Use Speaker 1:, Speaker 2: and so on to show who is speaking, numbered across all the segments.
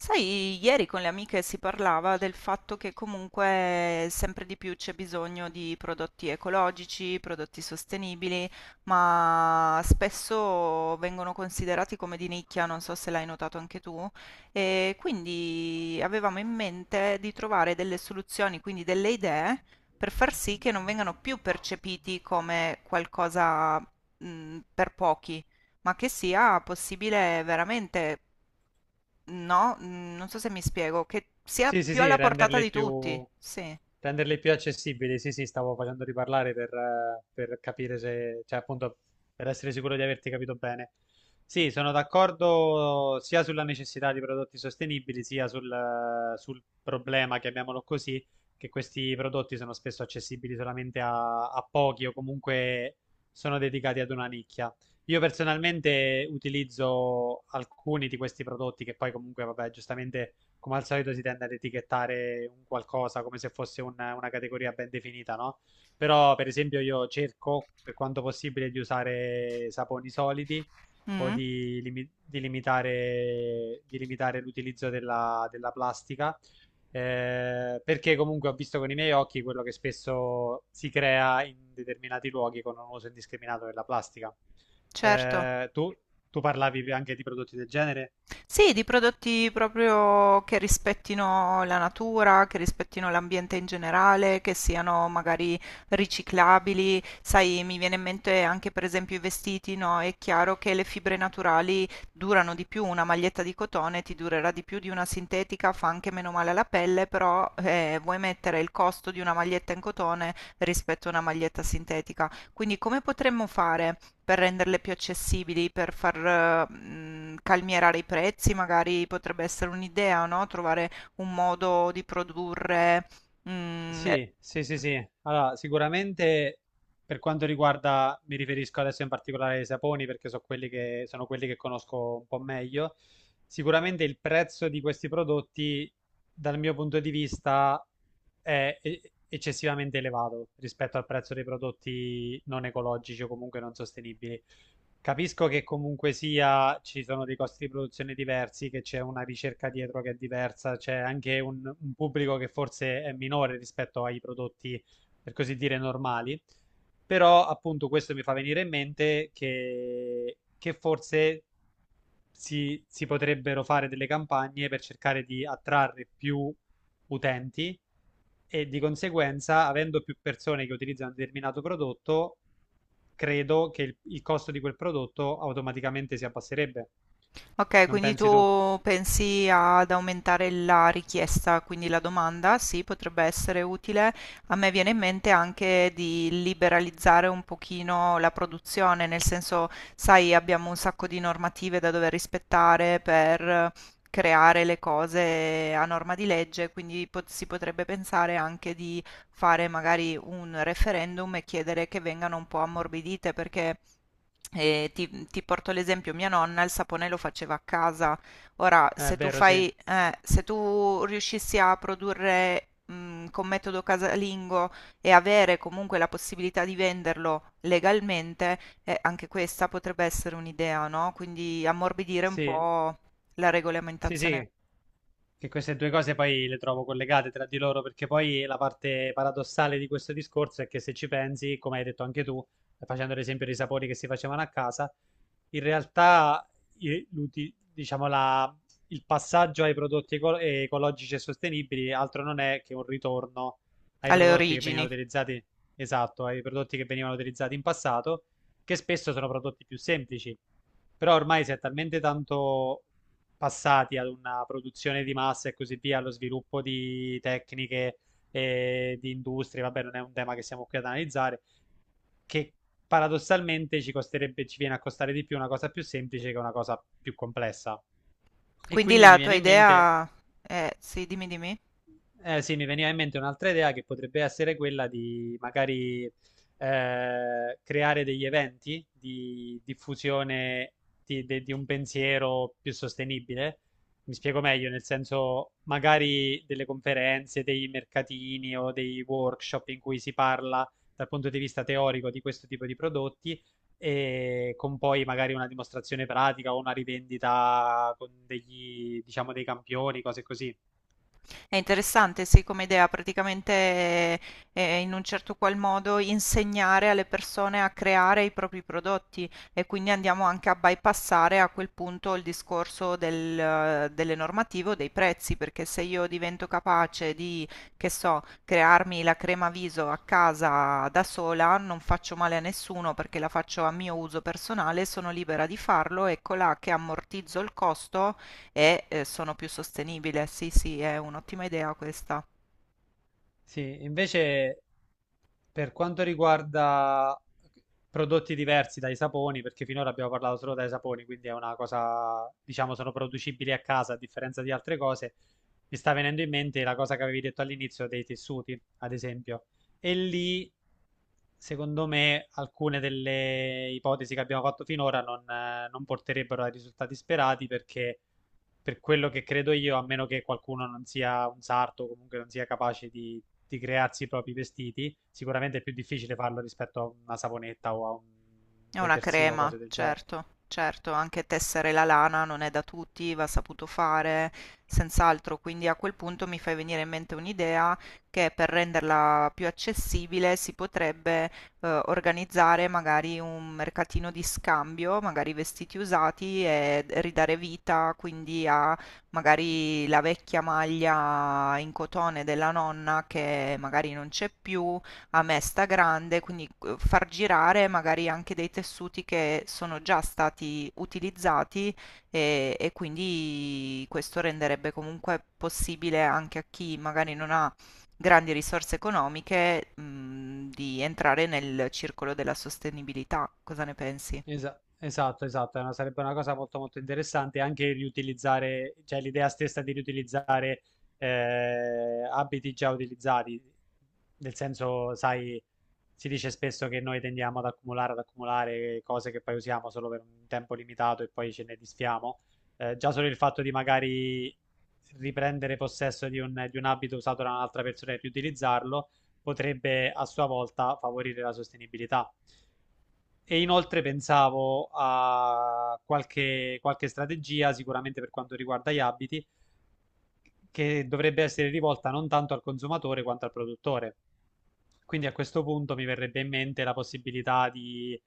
Speaker 1: Sai, ieri con le amiche si parlava del fatto che comunque sempre di più c'è bisogno di prodotti ecologici, prodotti sostenibili, ma spesso vengono considerati come di nicchia, non so se l'hai notato anche tu, e quindi avevamo in mente di trovare delle soluzioni, quindi delle idee per far sì che non vengano più percepiti come qualcosa, per pochi, ma che sia possibile veramente. No, non so se mi spiego, che sia
Speaker 2: Sì, sì,
Speaker 1: più
Speaker 2: sì,
Speaker 1: alla portata di tutti. Sì.
Speaker 2: renderle più accessibili. Sì, sì, stavo facendo riparlare per capire se, cioè appunto per essere sicuro di averti capito bene. Sì, sono d'accordo sia sulla necessità di prodotti sostenibili, sia sul, sul problema, chiamiamolo così, che questi prodotti sono spesso accessibili solamente a pochi o comunque sono dedicati ad una nicchia. Io personalmente utilizzo alcuni di questi prodotti che poi comunque, vabbè, giustamente come al solito si tende ad etichettare un qualcosa come se fosse una categoria ben definita, no? Però, per esempio, io cerco per quanto possibile di usare saponi solidi o
Speaker 1: Mm,
Speaker 2: di limitare, di limitare l'utilizzo della plastica, perché comunque ho visto con i miei occhi quello che spesso si crea in determinati luoghi con un uso indiscriminato della plastica.
Speaker 1: certo.
Speaker 2: Eh, tu, tu parlavi anche di prodotti del genere?
Speaker 1: Sì, di prodotti proprio che rispettino la natura, che rispettino l'ambiente in generale, che siano magari riciclabili. Sai, mi viene in mente anche per esempio i vestiti, no? È chiaro che le fibre naturali durano di più, una maglietta di cotone ti durerà di più di una sintetica, fa anche meno male alla pelle, però vuoi mettere il costo di una maglietta in cotone rispetto a una maglietta sintetica. Quindi come potremmo fare? Per renderle più accessibili, per calmierare i prezzi, magari potrebbe essere un'idea, no, trovare un modo di produrre, mhmm
Speaker 2: Sì, sì, sì, sì. Allora, sicuramente per quanto riguarda, mi riferisco adesso in particolare ai saponi perché so quelli che, sono quelli che conosco un po' meglio. Sicuramente il prezzo di questi prodotti, dal mio punto di vista, è eccessivamente elevato rispetto al prezzo dei prodotti non ecologici o comunque non sostenibili. Capisco che comunque sia ci sono dei costi di produzione diversi, che c'è una ricerca dietro che è diversa, c'è anche un pubblico che forse è minore rispetto ai prodotti, per così dire, normali. Però appunto questo mi fa venire in mente che forse si potrebbero fare delle campagne per cercare di attrarre più utenti e di conseguenza, avendo più persone che utilizzano un determinato prodotto, credo che il costo di quel prodotto automaticamente si abbasserebbe.
Speaker 1: ok,
Speaker 2: Non
Speaker 1: quindi
Speaker 2: pensi tu?
Speaker 1: tu pensi ad aumentare la richiesta, quindi la domanda, sì, potrebbe essere utile. A me viene in mente anche di liberalizzare un pochino la produzione, nel senso, sai, abbiamo un sacco di normative da dover rispettare per creare le cose a norma di legge, quindi si potrebbe pensare anche di fare magari un referendum e chiedere che vengano un po' ammorbidite, perché... E ti porto l'esempio, mia nonna il sapone lo faceva a casa. Ora,
Speaker 2: È
Speaker 1: se tu
Speaker 2: vero, sì.
Speaker 1: fai, se tu riuscissi a produrre con metodo casalingo e avere comunque la possibilità di venderlo legalmente, anche questa potrebbe essere un'idea, no? Quindi ammorbidire un
Speaker 2: Sì,
Speaker 1: po' la
Speaker 2: sì,
Speaker 1: regolamentazione,
Speaker 2: sì. Che queste due cose poi le trovo collegate tra di loro, perché poi la parte paradossale di questo discorso è che se ci pensi, come hai detto anche tu, facendo l'esempio dei sapori che si facevano a casa, in realtà i- l'uti- diciamo, la- il passaggio ai prodotti ecologici e sostenibili altro non è che un ritorno ai
Speaker 1: alle
Speaker 2: prodotti che venivano
Speaker 1: origini.
Speaker 2: utilizzati, esatto, ai prodotti che venivano utilizzati in passato, che spesso sono prodotti più semplici. Però ormai si è talmente tanto passati ad una produzione di massa e così via, allo sviluppo di tecniche e di industrie, vabbè, non è un tema che siamo qui ad analizzare, che paradossalmente ci costerebbe, ci viene a costare di più una cosa più semplice che una cosa più complessa. E
Speaker 1: Quindi
Speaker 2: quindi mi
Speaker 1: la tua
Speaker 2: viene in mente.
Speaker 1: idea è, sì, dimmi, dimmi.
Speaker 2: Eh sì, mi veniva in mente un'altra idea che potrebbe essere quella di magari creare degli eventi di diffusione di un pensiero più sostenibile. Mi spiego meglio, nel senso magari delle conferenze, dei mercatini o dei workshop in cui si parla dal punto di vista teorico di questo tipo di prodotti e con poi magari una dimostrazione pratica o una rivendita con degli, diciamo, dei campioni, cose così.
Speaker 1: È interessante, sì, come idea, praticamente in un certo qual modo insegnare alle persone a creare i propri prodotti e quindi andiamo anche a bypassare a quel punto il discorso delle normative o dei prezzi, perché se io divento capace di, che so, crearmi la crema viso a casa da sola, non faccio male a nessuno perché la faccio a mio uso personale, sono libera di farlo, eccola che ammortizzo il costo e sono più sostenibile. Sì, sì, è un'ottima idea questa.
Speaker 2: Sì, invece, per quanto riguarda eh, prodotti diversi dai saponi, perché finora abbiamo parlato solo dai saponi, quindi è una cosa, diciamo, sono producibili a casa a differenza di altre cose, mi sta venendo in mente la cosa che avevi detto all'inizio dei tessuti, ad esempio. E lì secondo me alcune delle ipotesi che abbiamo fatto finora non porterebbero ai risultati sperati perché per quello che credo io, a meno che qualcuno non sia un sarto o comunque non sia capace di crearsi i propri vestiti, sicuramente è più difficile farlo rispetto a una saponetta o a un
Speaker 1: È una
Speaker 2: detersivo o
Speaker 1: crema,
Speaker 2: cose del genere.
Speaker 1: certo, certo, anche tessere la lana non è da tutti, va saputo fare, senz'altro, quindi a quel punto mi fai venire in mente un'idea che per renderla più accessibile si potrebbe organizzare magari un mercatino di scambio, magari vestiti usati, e ridare vita quindi a magari la vecchia maglia in cotone della nonna che magari non c'è più a mesta grande, quindi far girare magari anche dei tessuti che sono già stati utilizzati, e quindi questo renderebbe comunque possibile anche a chi magari non ha grandi risorse economiche, di entrare nel circolo della sostenibilità. Cosa ne pensi?
Speaker 2: Esatto, esatto, sarebbe una cosa molto molto interessante anche riutilizzare, cioè l'idea stessa di riutilizzare abiti già utilizzati, nel senso, sai, si dice spesso che noi tendiamo ad accumulare cose che poi usiamo solo per un tempo limitato e poi ce ne disfiamo. Già solo il fatto di magari riprendere possesso di di un abito usato da un'altra persona e riutilizzarlo potrebbe a sua volta favorire la sostenibilità. E inoltre pensavo a qualche strategia, sicuramente per quanto riguarda gli abiti, che dovrebbe essere rivolta non tanto al consumatore quanto al produttore. Quindi a questo punto mi verrebbe in mente la possibilità di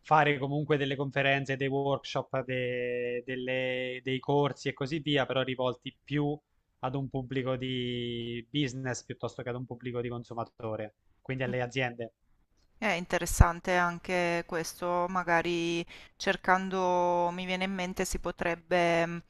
Speaker 2: fare comunque delle conferenze, dei workshop, dei corsi e così via, però rivolti più ad un pubblico di business piuttosto che ad un pubblico di consumatore, quindi alle aziende.
Speaker 1: È interessante anche questo, magari cercando, mi viene in mente, si potrebbe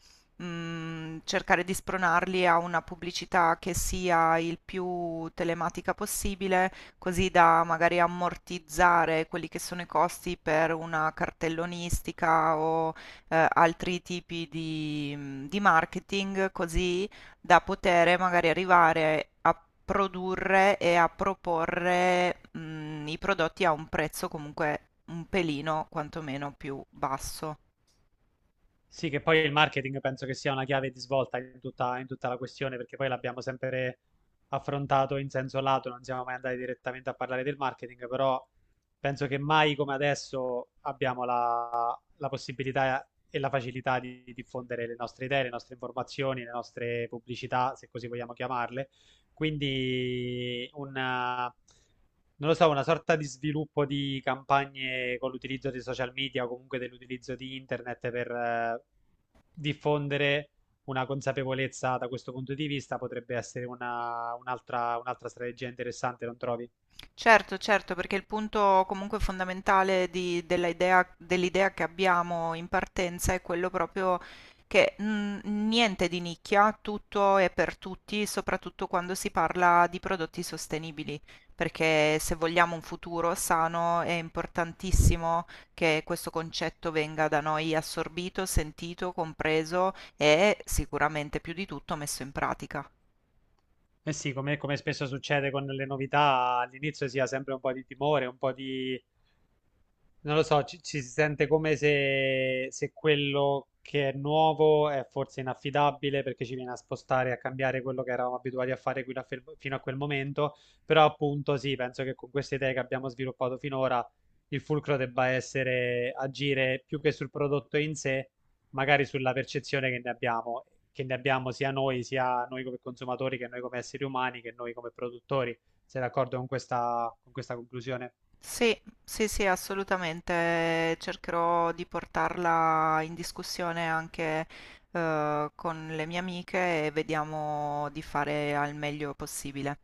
Speaker 1: cercare di spronarli a una pubblicità che sia il più telematica possibile, così da magari ammortizzare quelli che sono i costi per una cartellonistica o altri tipi di marketing, così da poter magari arrivare a produrre e a proporre, i prodotti a un prezzo comunque un pelino quantomeno più basso.
Speaker 2: Sì, che poi il marketing penso che sia una chiave di svolta in tutta la questione, perché poi l'abbiamo sempre affrontato in senso lato, non siamo mai andati direttamente a parlare del marketing, però penso che mai come adesso abbiamo la possibilità e la facilità di diffondere le nostre idee, le nostre informazioni, le nostre pubblicità, se così vogliamo chiamarle, quindi una, non lo so, una sorta di sviluppo di campagne con l'utilizzo di social media o comunque dell'utilizzo di internet per diffondere una consapevolezza da questo punto di vista potrebbe essere un'altra, un'altra strategia interessante, non trovi?
Speaker 1: Certo, certo, perché il punto comunque fondamentale dell'idea che abbiamo in partenza è quello proprio che niente di nicchia, tutto è per tutti, soprattutto quando si parla di prodotti sostenibili, perché se vogliamo un futuro sano è importantissimo che questo concetto venga da noi assorbito, sentito, compreso e sicuramente più di tutto messo in pratica.
Speaker 2: Eh sì, come, come spesso succede con le novità, all'inizio si ha sempre un po' di timore, un po' di non lo so, ci si sente come se, se quello che è nuovo è forse inaffidabile perché ci viene a spostare, a cambiare quello che eravamo abituati a fare fino a quel momento, però appunto sì, penso che con queste idee che abbiamo sviluppato finora il fulcro debba essere agire più che sul prodotto in sé, magari sulla percezione che ne abbiamo sia noi come consumatori, che noi come esseri umani, che noi come produttori. Sei d'accordo con questa conclusione?
Speaker 1: Sì, sì, sì, assolutamente. Cercherò di portarla in discussione anche con le mie amiche e vediamo di fare al meglio possibile.